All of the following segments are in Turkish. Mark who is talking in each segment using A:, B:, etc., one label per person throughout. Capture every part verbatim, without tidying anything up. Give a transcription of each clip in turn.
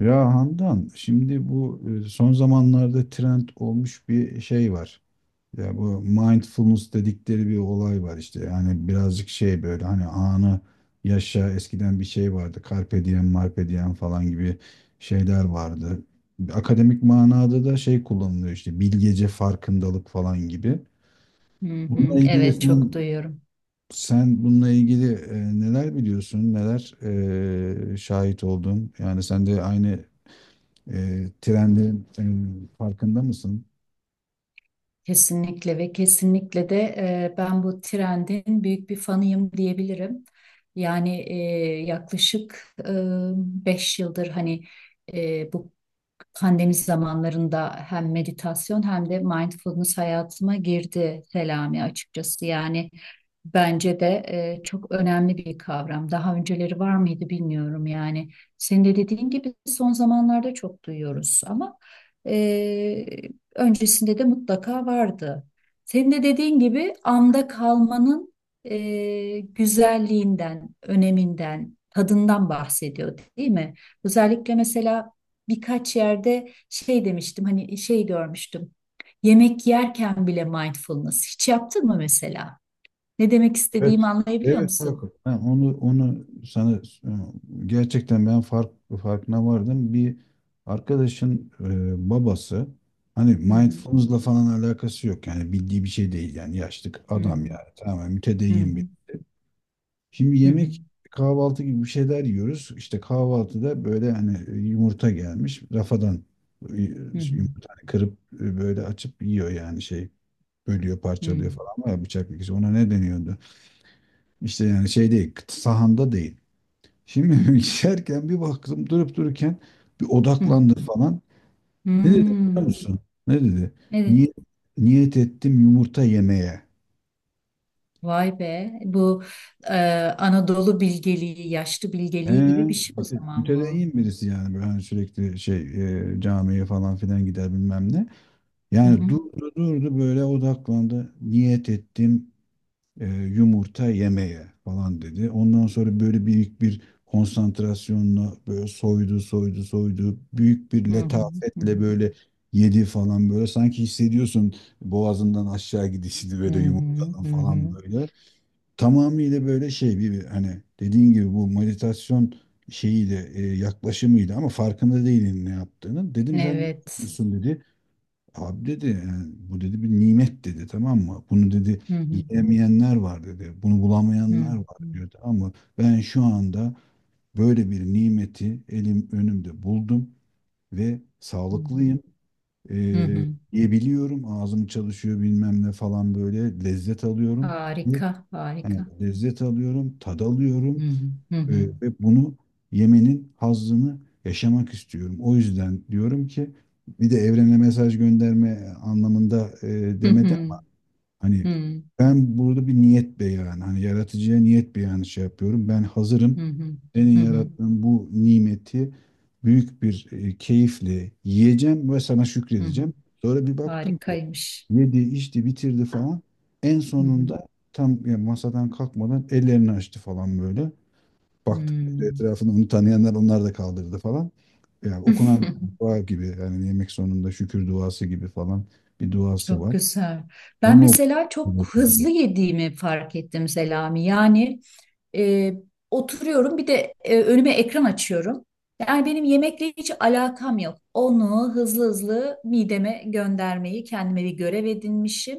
A: Ya Handan, şimdi bu e, son zamanlarda trend olmuş bir şey var. Ya bu mindfulness dedikleri bir olay var işte. Yani birazcık şey böyle hani anı yaşa, eskiden bir şey vardı. Carpe diem, marpe diem falan gibi şeyler vardı. Akademik manada da şey kullanılıyor işte, bilgece farkındalık falan gibi.
B: Hı hı,
A: Bununla ilgili
B: evet çok
A: sen,
B: duyuyorum.
A: sen bununla ilgili e, neler biliyorsun, neler e, şahit oldun? Yani sen de aynı e, trendin e, farkında mısın?
B: Kesinlikle ve kesinlikle de e, ben bu trendin büyük bir fanıyım diyebilirim. Yani e, yaklaşık e, beş yıldır hani e, bu pandemi zamanlarında hem meditasyon hem de mindfulness hayatıma girdi Selami açıkçası. Yani bence de e, çok önemli bir kavram. Daha önceleri var mıydı bilmiyorum yani. Senin de dediğin gibi son zamanlarda çok duyuyoruz ama e, öncesinde de mutlaka vardı. Senin de dediğin gibi anda kalmanın e, güzelliğinden, öneminden, tadından bahsediyor değil mi? Özellikle mesela birkaç yerde şey demiştim hani şey görmüştüm. Yemek yerken bile mindfulness. Hiç yaptın mı mesela? Ne demek istediğimi
A: Evet.
B: anlayabiliyor
A: Evet
B: musun?
A: Hakan. Ben onu onu sana e, gerçekten ben fark farkına vardım. Bir arkadaşın e, babası, hani
B: Hı hı.
A: mindfulness'la falan alakası yok. Yani bildiği bir şey değil yani, yaşlı
B: Hı hı.
A: adam yani, tamamen mütedeyyin bir. Şimdi
B: Hı hı. Hı hı.
A: yemek, kahvaltı gibi bir şeyler yiyoruz. İşte kahvaltıda böyle, hani yumurta gelmiş rafadan e,
B: Hı hı.
A: yumurta, hani kırıp e, böyle açıp yiyor yani şey, bölüyor,
B: Hı hı.
A: parçalıyor falan, var ya bıçak dikişi. Ona ne deniyordu? İşte yani şey değil, sahanda değil. Şimdi geçerken bir baktım, durup dururken bir
B: Hı.
A: odaklandı falan. Ne dedi biliyor
B: Hmm.
A: musun? Ne dedi?
B: Evet.
A: Niyet, niyet ettim yumurta yemeye.
B: Vay be. Bu e, Anadolu bilgeliği, yaşlı
A: He,
B: bilgeliği gibi bir şey o
A: müte-
B: zaman bu.
A: mütedeyyin birisi yani, böyle hani sürekli şey e, camiye falan filan gider bilmem ne.
B: Hı
A: Yani
B: hı.
A: durdu durdu böyle odaklandı. Niyet ettim e, yumurta yemeye falan dedi. Ondan sonra böyle büyük bir konsantrasyonla böyle soydu soydu soydu. Büyük bir
B: Hı hı. Hı hı.
A: letafetle böyle yedi falan böyle. Sanki hissediyorsun boğazından aşağı gidişini
B: Hı
A: böyle,
B: hı.
A: yumurtadan
B: Hı
A: falan
B: hı.
A: böyle. Tamamıyla böyle şey, bir bir hani dediğin gibi bu meditasyon şeyiyle e, yaklaşımıyla, ama farkında değilin ne yaptığını. Dedim, "Sen ne
B: Evet.
A: yapıyorsun?" dedi. Abi dedi, yani bu dedi bir nimet dedi, tamam mı? Bunu dedi
B: Hı hı.
A: yiyemeyenler var dedi. Bunu
B: Hı
A: bulamayanlar var
B: hı.
A: diyordu. Ama ben şu anda böyle bir nimeti elim önümde buldum ve
B: Hı hı.
A: sağlıklıyım.
B: Hı
A: Ee,
B: hı.
A: Yiyebiliyorum. Ağzım çalışıyor bilmem ne falan, böyle lezzet alıyorum.
B: Harika,
A: Evet,
B: harika.
A: lezzet alıyorum, tad
B: Hı
A: alıyorum.
B: hı, hı
A: Ee,
B: hı,
A: Ve bunu yemenin hazzını yaşamak istiyorum. O yüzden diyorum ki, bir de evrene mesaj gönderme anlamında e,
B: hı
A: demedi
B: hı,
A: ama hani,
B: hı hı,
A: ben burada bir niyet beyanı, hani yaratıcıya niyet beyanı şey yapıyorum. Ben
B: hı
A: hazırım.
B: hı,
A: Senin
B: hı hı,
A: yarattığın bu nimeti büyük bir e, keyifle yiyeceğim ve sana
B: hı hı.
A: şükredeceğim. Sonra bir baktım ki
B: Harikaymış.
A: yedi, içti, bitirdi falan. En
B: Hı hı,
A: sonunda, tam yani masadan kalkmadan ellerini açtı falan böyle. Baktık böyle
B: hı.
A: etrafında, onu tanıyanlar, onlar da kaldırdı falan. Yani okunan dua gibi, yani yemek sonunda şükür duası gibi falan bir duası
B: Çok
A: var.
B: güzel. Ben
A: Onu
B: mesela çok hızlı
A: okudum.
B: yediğimi fark ettim Selami. Yani E, oturuyorum bir de e, önüme ekran açıyorum. Yani benim yemekle hiç alakam yok. Onu hızlı hızlı mideme göndermeyi kendime bir görev edinmişim.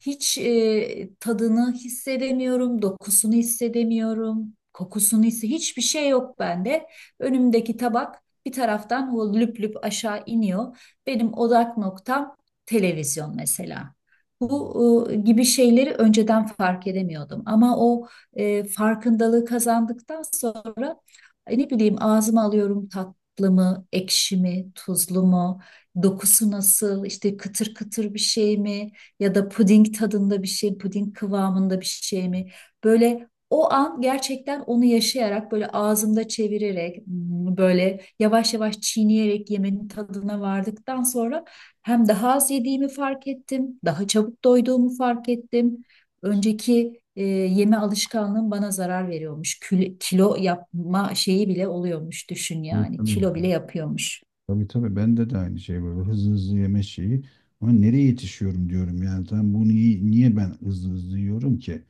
B: Hiç e, tadını hissedemiyorum, dokusunu hissedemiyorum, kokusunu hisse hiçbir şey yok bende. Önümdeki tabak bir taraftan o lüp lüp aşağı iniyor. Benim odak noktam televizyon mesela. Bu e, gibi şeyleri önceden fark edemiyordum ama o e, farkındalığı kazandıktan sonra e, ne bileyim ağzıma alıyorum tatlı mı, ekşi mi, tuzlu mu, dokusu nasıl, işte kıtır kıtır bir şey mi ya da puding tadında bir şey, puding kıvamında bir şey mi? Böyle o an gerçekten onu yaşayarak böyle ağzımda çevirerek hmm, böyle yavaş yavaş çiğneyerek yemenin tadına vardıktan sonra hem daha az yediğimi fark ettim, daha çabuk doyduğumu fark ettim. Önceki e, yeme alışkanlığım bana zarar veriyormuş. Kül- kilo yapma şeyi bile oluyormuş düşün
A: Tabii,
B: yani.
A: tabii.
B: Kilo bile yapıyormuş.
A: Tabii, tabii, bende de aynı şey, böyle hızlı hızlı yeme şeyi. Ama nereye yetişiyorum diyorum yani. Tam bunu, niye, niye ben hızlı hızlı yiyorum ki?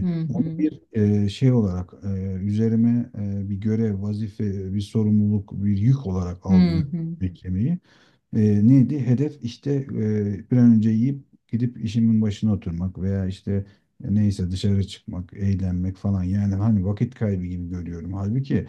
B: Hı
A: onu
B: hı.
A: bir e, şey olarak, e, üzerime e, bir görev, vazife, bir sorumluluk, bir yük olarak
B: Hı
A: algılıyorum,
B: hı.
A: yemek yemeyi. E, neydi? Hedef işte e, bir an önce yiyip gidip işimin başına oturmak, veya işte e, neyse dışarı çıkmak, eğlenmek falan. Yani hani vakit kaybı gibi görüyorum. Halbuki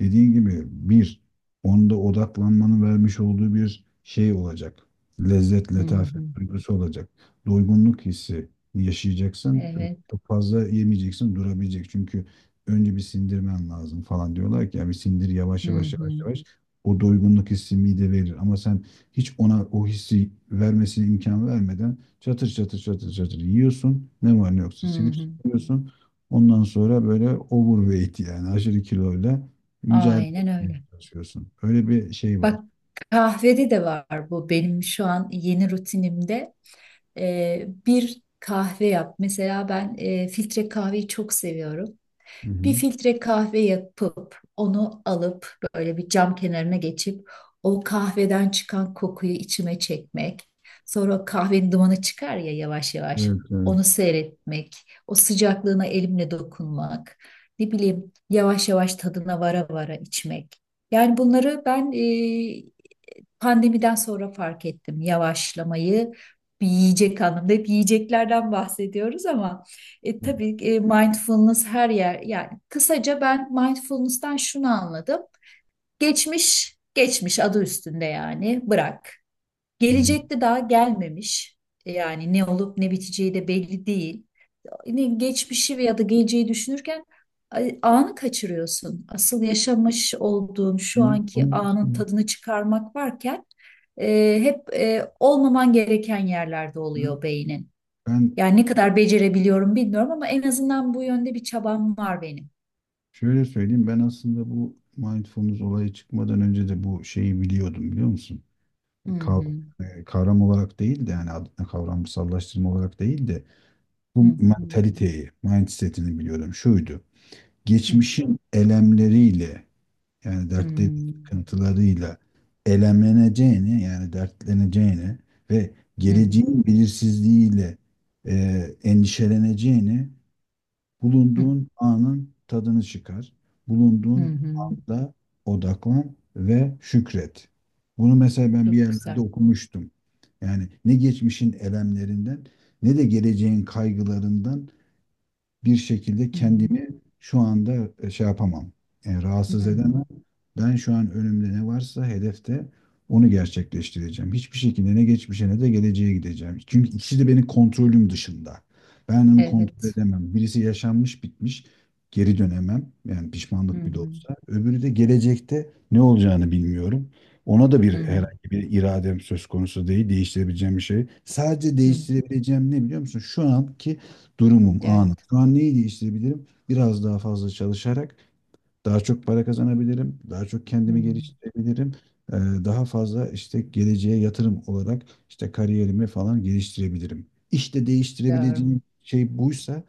A: dediğin gibi bir, onda odaklanmanın vermiş olduğu bir şey olacak. Lezzet,
B: Hı
A: letafet
B: hı.
A: duygusu olacak. Doygunluk hissi yaşayacaksın.
B: Evet.
A: Çok fazla yemeyeceksin, durabilecek. Çünkü önce bir sindirmen lazım falan diyorlar ki, ya bir sindir yavaş
B: Hı
A: yavaş
B: hı.
A: yavaş yavaş. O doygunluk hissi mide verir, ama sen hiç ona o hissi vermesine imkan vermeden çatır çatır çatır çatır yiyorsun. Ne var ne
B: Hı
A: yoksa silip
B: hı.
A: yiyorsun. Ondan sonra böyle overweight, yani aşırı kiloyla mücadele
B: Aynen
A: etmeye
B: öyle.
A: çalışıyorsun. Öyle bir şey var.
B: Bak kahvede de var bu benim şu an yeni rutinimde. E, bir kahve yap. Mesela ben e, filtre kahveyi çok seviyorum.
A: Hı
B: Bir
A: hı.
B: filtre kahve yapıp onu alıp böyle bir cam kenarına geçip o kahveden çıkan kokuyu içime çekmek. Sonra o kahvenin dumanı çıkar ya yavaş yavaş.
A: Evet,
B: Onu
A: evet.
B: seyretmek, o sıcaklığına elimle dokunmak, ne bileyim yavaş yavaş tadına vara vara içmek. Yani bunları ben e, pandemiden sonra fark ettim yavaşlamayı. Bir yiyecek anlamında hep yiyeceklerden bahsediyoruz ama e,
A: Evet.
B: tabii e, mindfulness her yer yani kısaca ben mindfulness'tan şunu anladım. Geçmiş geçmiş adı üstünde yani bırak.
A: Hı hı.
B: Gelecekte daha gelmemiş. e, Yani ne olup ne biteceği de belli değil, ne geçmişi veya da geleceği düşünürken ay- anı kaçırıyorsun. Asıl yaşamış olduğun şu
A: Onu,
B: anki
A: onu nasıl,
B: anın tadını çıkarmak varken e, hep e, olmaman gereken yerlerde oluyor beynin.
A: ben
B: Yani ne kadar becerebiliyorum bilmiyorum ama en azından bu yönde bir çabam var benim.
A: şöyle söyleyeyim, ben aslında bu mindfulness olayı çıkmadan önce de bu şeyi biliyordum, biliyor musun?
B: Hı
A: Kav-
B: hı,
A: e, Kavram olarak değil de, yani adına kavramsallaştırma olarak değil de,
B: hı
A: bu
B: hı,
A: mentaliteyi, mindset'ini biliyordum. Şuydu.
B: hı hı,
A: Geçmişin elemleriyle, yani dertleri, sıkıntılarıyla elemleneceğini, yani dertleneceğini, ve
B: hı hı,
A: geleceğin belirsizliğiyle e, endişeleneceğini;
B: hı
A: bulunduğun anın tadını çıkar.
B: hı,
A: Bulunduğun
B: hı.
A: anda odaklan ve şükret. Bunu mesela ben bir
B: Çok
A: yerlerde
B: güzel.
A: okumuştum. Yani ne geçmişin elemlerinden, ne de geleceğin kaygılarından bir şekilde
B: Hı hı,
A: kendimi şu anda e, şey yapamam. E,
B: hı
A: rahatsız
B: hı.
A: edemem. Ben şu an önümde ne varsa hedefte, onu gerçekleştireceğim. Hiçbir şekilde ne geçmişe ne de geleceğe gideceğim. Çünkü ikisi de benim kontrolüm dışında. Ben onu kontrol
B: Evet.
A: edemem. Birisi yaşanmış bitmiş, geri dönemem. Yani
B: Hı
A: pişmanlık bile
B: hı,
A: olsa. Öbürü de, gelecekte ne olacağını bilmiyorum. Ona da bir,
B: hı
A: herhangi bir iradem söz konusu değil. Değiştirebileceğim bir şey. Sadece
B: hı.
A: değiştirebileceğim ne biliyor musun? Şu anki durumum, anım.
B: Evet.
A: Şu an neyi değiştirebilirim? Biraz daha fazla çalışarak daha çok para kazanabilirim, daha çok
B: Hı.
A: kendimi geliştirebilirim, e, daha fazla işte geleceğe yatırım olarak, işte kariyerimi falan geliştirebilirim. İşte
B: Doğru.
A: değiştirebileceğim şey buysa,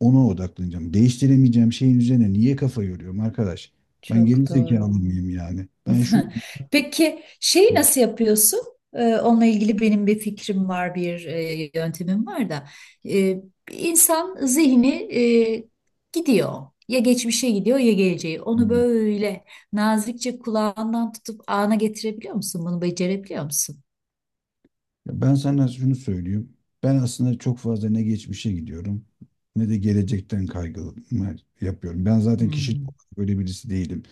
A: ona odaklanacağım. Değiştiremeyeceğim şeyin üzerine niye kafa yoruyorum arkadaş? Ben geri
B: Çok doğru.
A: zekalı mıyım yani? Ben şu
B: Peki şeyi nasıl yapıyorsun? Ee, onunla ilgili benim bir fikrim var, bir e, yöntemim var da. Ee, insan zihni e, gidiyor. Ya geçmişe gidiyor ya geleceğe. Onu
A: an
B: böyle nazikçe kulağından tutup ana getirebiliyor musun? Bunu becerebiliyor musun?
A: Ya, ben sana şunu söyleyeyim. Ben aslında çok fazla ne geçmişe gidiyorum, ne de gelecekten kaygı yapıyorum. Ben
B: Hı
A: zaten kişilik
B: hı,
A: olarak böyle birisi değilim.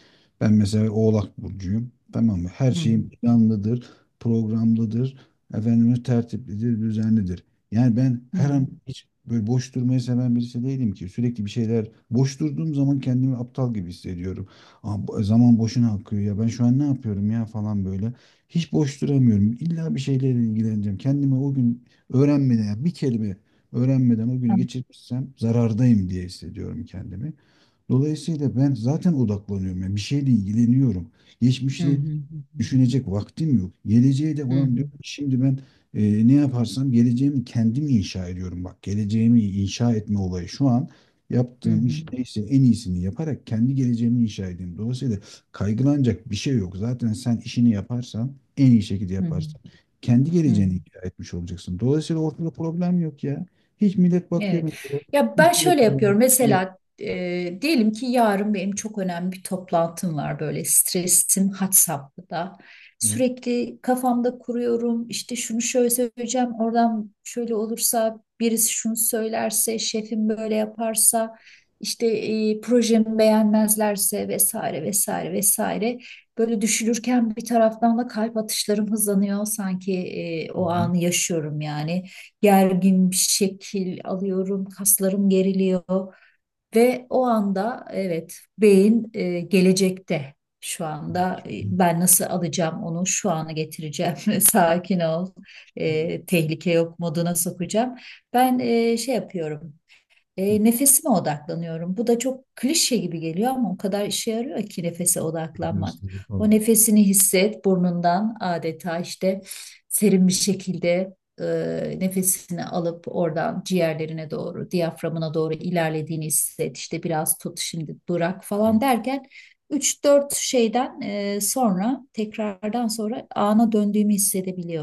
A: Ben mesela Oğlak burcuyum. Tamam mı? Her
B: hı
A: şeyim planlıdır, programlıdır, efendime tertiplidir, düzenlidir. Yani ben
B: hı,
A: her an, hiç böyle boş durmayı seven birisi değilim ki. Sürekli bir şeyler, boş durduğum zaman kendimi aptal gibi hissediyorum. Aa, bu- zaman boşuna akıyor ya, ben şu an ne yapıyorum ya, falan böyle. Hiç boş duramıyorum. İlla bir şeylerle ilgileneceğim. Kendime o gün öğrenmeden, ya bir kelime öğrenmeden o günü geçirmişsem, zarardayım diye hissediyorum kendimi. Dolayısıyla ben zaten odaklanıyorum. Yani bir şeyle ilgileniyorum.
B: hı
A: Geçmişi
B: hı,
A: düşünecek vaktim yok. Geleceğe de
B: hı hı, hı hı,
A: olan, diyorum ki şimdi ben e, ne yaparsam geleceğimi kendim inşa ediyorum. Bak, geleceğimi inşa etme olayı, şu an
B: hı
A: yaptığım iş
B: hı,
A: neyse en iyisini yaparak kendi geleceğimi inşa edeyim. Dolayısıyla kaygılanacak bir şey yok. Zaten sen işini yaparsan, en iyi şekilde
B: hı hı,
A: yaparsan, kendi
B: hı hı.
A: geleceğini inşa etmiş olacaksın. Dolayısıyla ortada problem yok ya. Hiç, millet bakıyor
B: Evet.
A: mesela
B: Ya
A: iş
B: ben şöyle
A: yerinden.
B: yapıyorum. Mesela e, diyelim ki yarın benim çok önemli bir toplantım var. Böyle stresim had safhada.
A: Hı
B: Sürekli kafamda kuruyorum. İşte şunu şöyle söyleyeceğim. Oradan şöyle olursa birisi şunu söylerse, şefim böyle yaparsa, işte e, projemi beğenmezlerse vesaire vesaire vesaire. Böyle düşünürken bir taraftan da kalp atışlarım hızlanıyor. Sanki e, o
A: hı.
B: anı yaşıyorum yani gergin bir şekil alıyorum, kaslarım geriliyor ve o anda evet beyin e, gelecekte şu anda e, ben nasıl alacağım onu şu ana getireceğim sakin ol,
A: Şimdi böyle
B: e, tehlike yok moduna sokacağım. Ben e, şey yapıyorum. E, nefesime odaklanıyorum. Bu da çok klişe gibi geliyor ama o kadar işe yarıyor ki nefese odaklanmak.
A: egzersizleri
B: O
A: falan diyor.
B: nefesini hisset burnundan adeta işte serin bir şekilde, e, nefesini alıp oradan ciğerlerine doğru, diyaframına doğru ilerlediğini hisset. İşte biraz tut şimdi durak falan derken üç dört şeyden e, sonra tekrardan sonra ana döndüğümü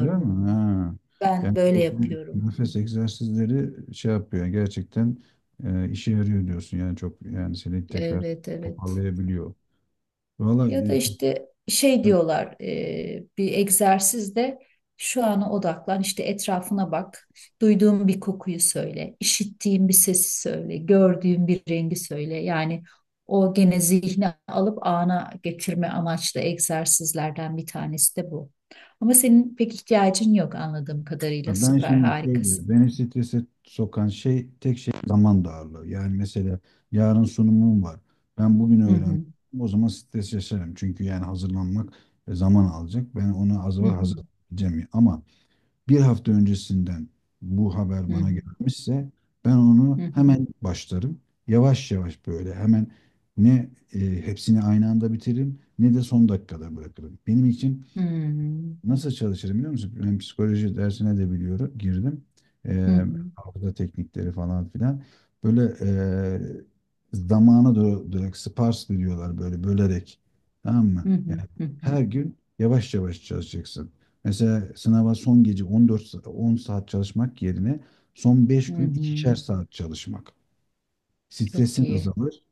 A: Öyle mi? Ha.
B: Ben
A: Yani
B: böyle
A: o
B: yapıyorum.
A: nefes egzersizleri şey yapıyor. Gerçekten e, işe yarıyor diyorsun. Yani çok, yani seni tekrar
B: Evet, evet.
A: toparlayabiliyor.
B: Ya da
A: Vallahi.
B: işte şey
A: e,
B: diyorlar, e, bir egzersizde şu ana odaklan işte, etrafına bak. Duyduğun bir kokuyu söyle, işittiğin bir sesi söyle, gördüğün bir rengi söyle. Yani o gene zihni alıp ana getirme amaçlı egzersizlerden bir tanesi de bu. Ama senin pek ihtiyacın yok anladığım kadarıyla.
A: Ben
B: Süper,
A: şimdi şöyle,
B: harikasın.
A: beni strese sokan şey, tek şey zaman darlığı. Yani mesela, yarın sunumum var. Ben bugün
B: Hı
A: öğrendim.
B: hı.
A: O zaman stres yaşarım. Çünkü yani hazırlanmak e, zaman alacak. Ben ona az
B: Hı
A: var,
B: hı.
A: hazırlayacağım. Ama bir hafta öncesinden bu haber
B: Hı
A: bana
B: hı.
A: gelmişse, ben
B: Hı
A: onu
B: hı.
A: hemen başlarım. Yavaş yavaş böyle, hemen ne e, hepsini aynı anda bitiririm, ne de son dakikada bırakırım. Benim için Nasıl çalışırım biliyor musun? Ben psikoloji dersine de biliyorum, girdim.
B: Hı hı. Hı
A: Ee,
B: hı.
A: Hafıza teknikleri falan filan. Böyle e, zamanı do- direkt sparsely diyorlar, böyle bölerek. Tamam mı?
B: Hı hı.
A: Yani her gün yavaş yavaş çalışacaksın. Mesela sınava son gece on dört sa- on saat çalışmak yerine, son beş
B: Hı
A: gün
B: hı.
A: ikişer saat çalışmak.
B: Çok
A: Stresin
B: iyi.
A: azalır,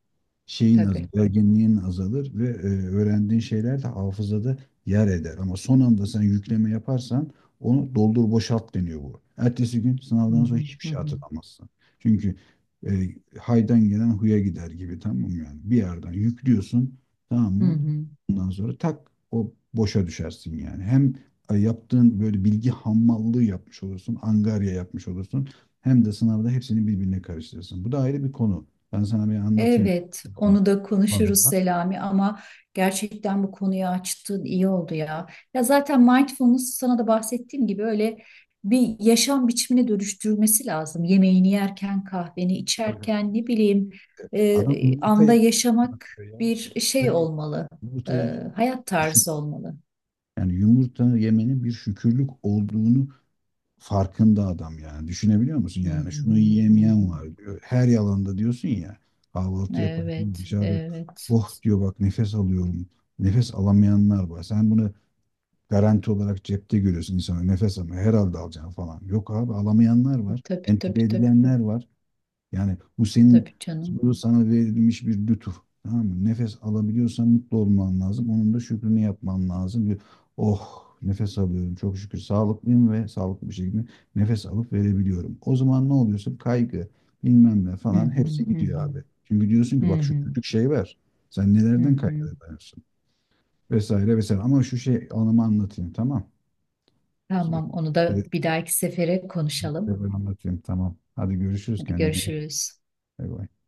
A: şeyin az,
B: Tabii.
A: gerginliğin azalır, ve e, öğrendiğin şeyler de hafızada yer eder. Ama son anda sen yükleme yaparsan, onu doldur boşalt deniyor bu. Ertesi gün
B: Hı
A: sınavdan sonra
B: hı,
A: hiçbir
B: hı
A: şey
B: hı,
A: hatırlamazsın. Çünkü e, haydan gelen huya gider gibi, tamam mı yani? Bir yerden yüklüyorsun, tamam
B: hı
A: mı?
B: hı.
A: Ondan sonra tak, o boşa düşersin yani. Hem e, yaptığın böyle bilgi hamallığı yapmış olursun, angarya yapmış olursun. Hem de sınavda hepsini birbirine karıştırırsın. Bu da ayrı bir konu. Ben sana bir anlatayım.
B: Evet, onu da konuşuruz
A: Vallahi.
B: Selami ama gerçekten bu konuyu açtın iyi oldu ya. Ya zaten mindfulness sana da bahsettiğim gibi öyle bir yaşam biçimine dönüştürülmesi lazım. Yemeğini yerken, kahveni
A: Tabii, tabii.
B: içerken ne bileyim
A: Evet. Adam
B: e,
A: yumurta
B: anda
A: ye-
B: yaşamak
A: ya
B: bir şey
A: yumurta,
B: olmalı. E,
A: yumurta yemenin
B: hayat
A: şük-
B: tarzı olmalı.
A: yani yumurta yemenin bir şükürlük olduğunu farkında adam yani. Düşünebiliyor musun?
B: Hı
A: Yani şunu
B: hı, hı hı.
A: yiyemeyen var diyor. Her yalanda diyorsun ya, kahvaltı yaparken
B: Evet,
A: dışarıda,
B: evet.
A: "Oh," diyor, "bak nefes alıyorum." Nefes alamayanlar var. Sen bunu garanti olarak cepte görüyorsun, insana nefes ama herhalde alacaksın falan. Yok abi, alamayanlar var.
B: Tabii
A: Entübe
B: tabii tabii
A: edilenler var. Yani bu senin
B: tabii canım.
A: bu sana verilmiş bir lütuf. Tamam mı? Nefes alabiliyorsan mutlu olman lazım. Onun da şükrünü yapman lazım. Bir, oh nefes alıyorum çok şükür, sağlıklıyım ve sağlıklı bir şekilde nefes alıp verebiliyorum. O zaman ne oluyorsun? Kaygı bilmem ne
B: Hı
A: falan,
B: hı,
A: hepsi
B: hı
A: gidiyor
B: hı.
A: abi. Çünkü diyorsun
B: Hı
A: ki, bak şu
B: hı,
A: küçük şey var. Sen
B: hı
A: nelerden
B: hı.
A: kaygılanıyorsun? Vesaire vesaire. Ama şu şey anımı anlatayım, tamam.
B: Tamam, onu da
A: Bir-
B: bir dahaki sefere
A: bir
B: konuşalım.
A: bir anlatayım, tamam. Hadi görüşürüz,
B: Hadi
A: kendine iyi bak.
B: görüşürüz.
A: Bay bay.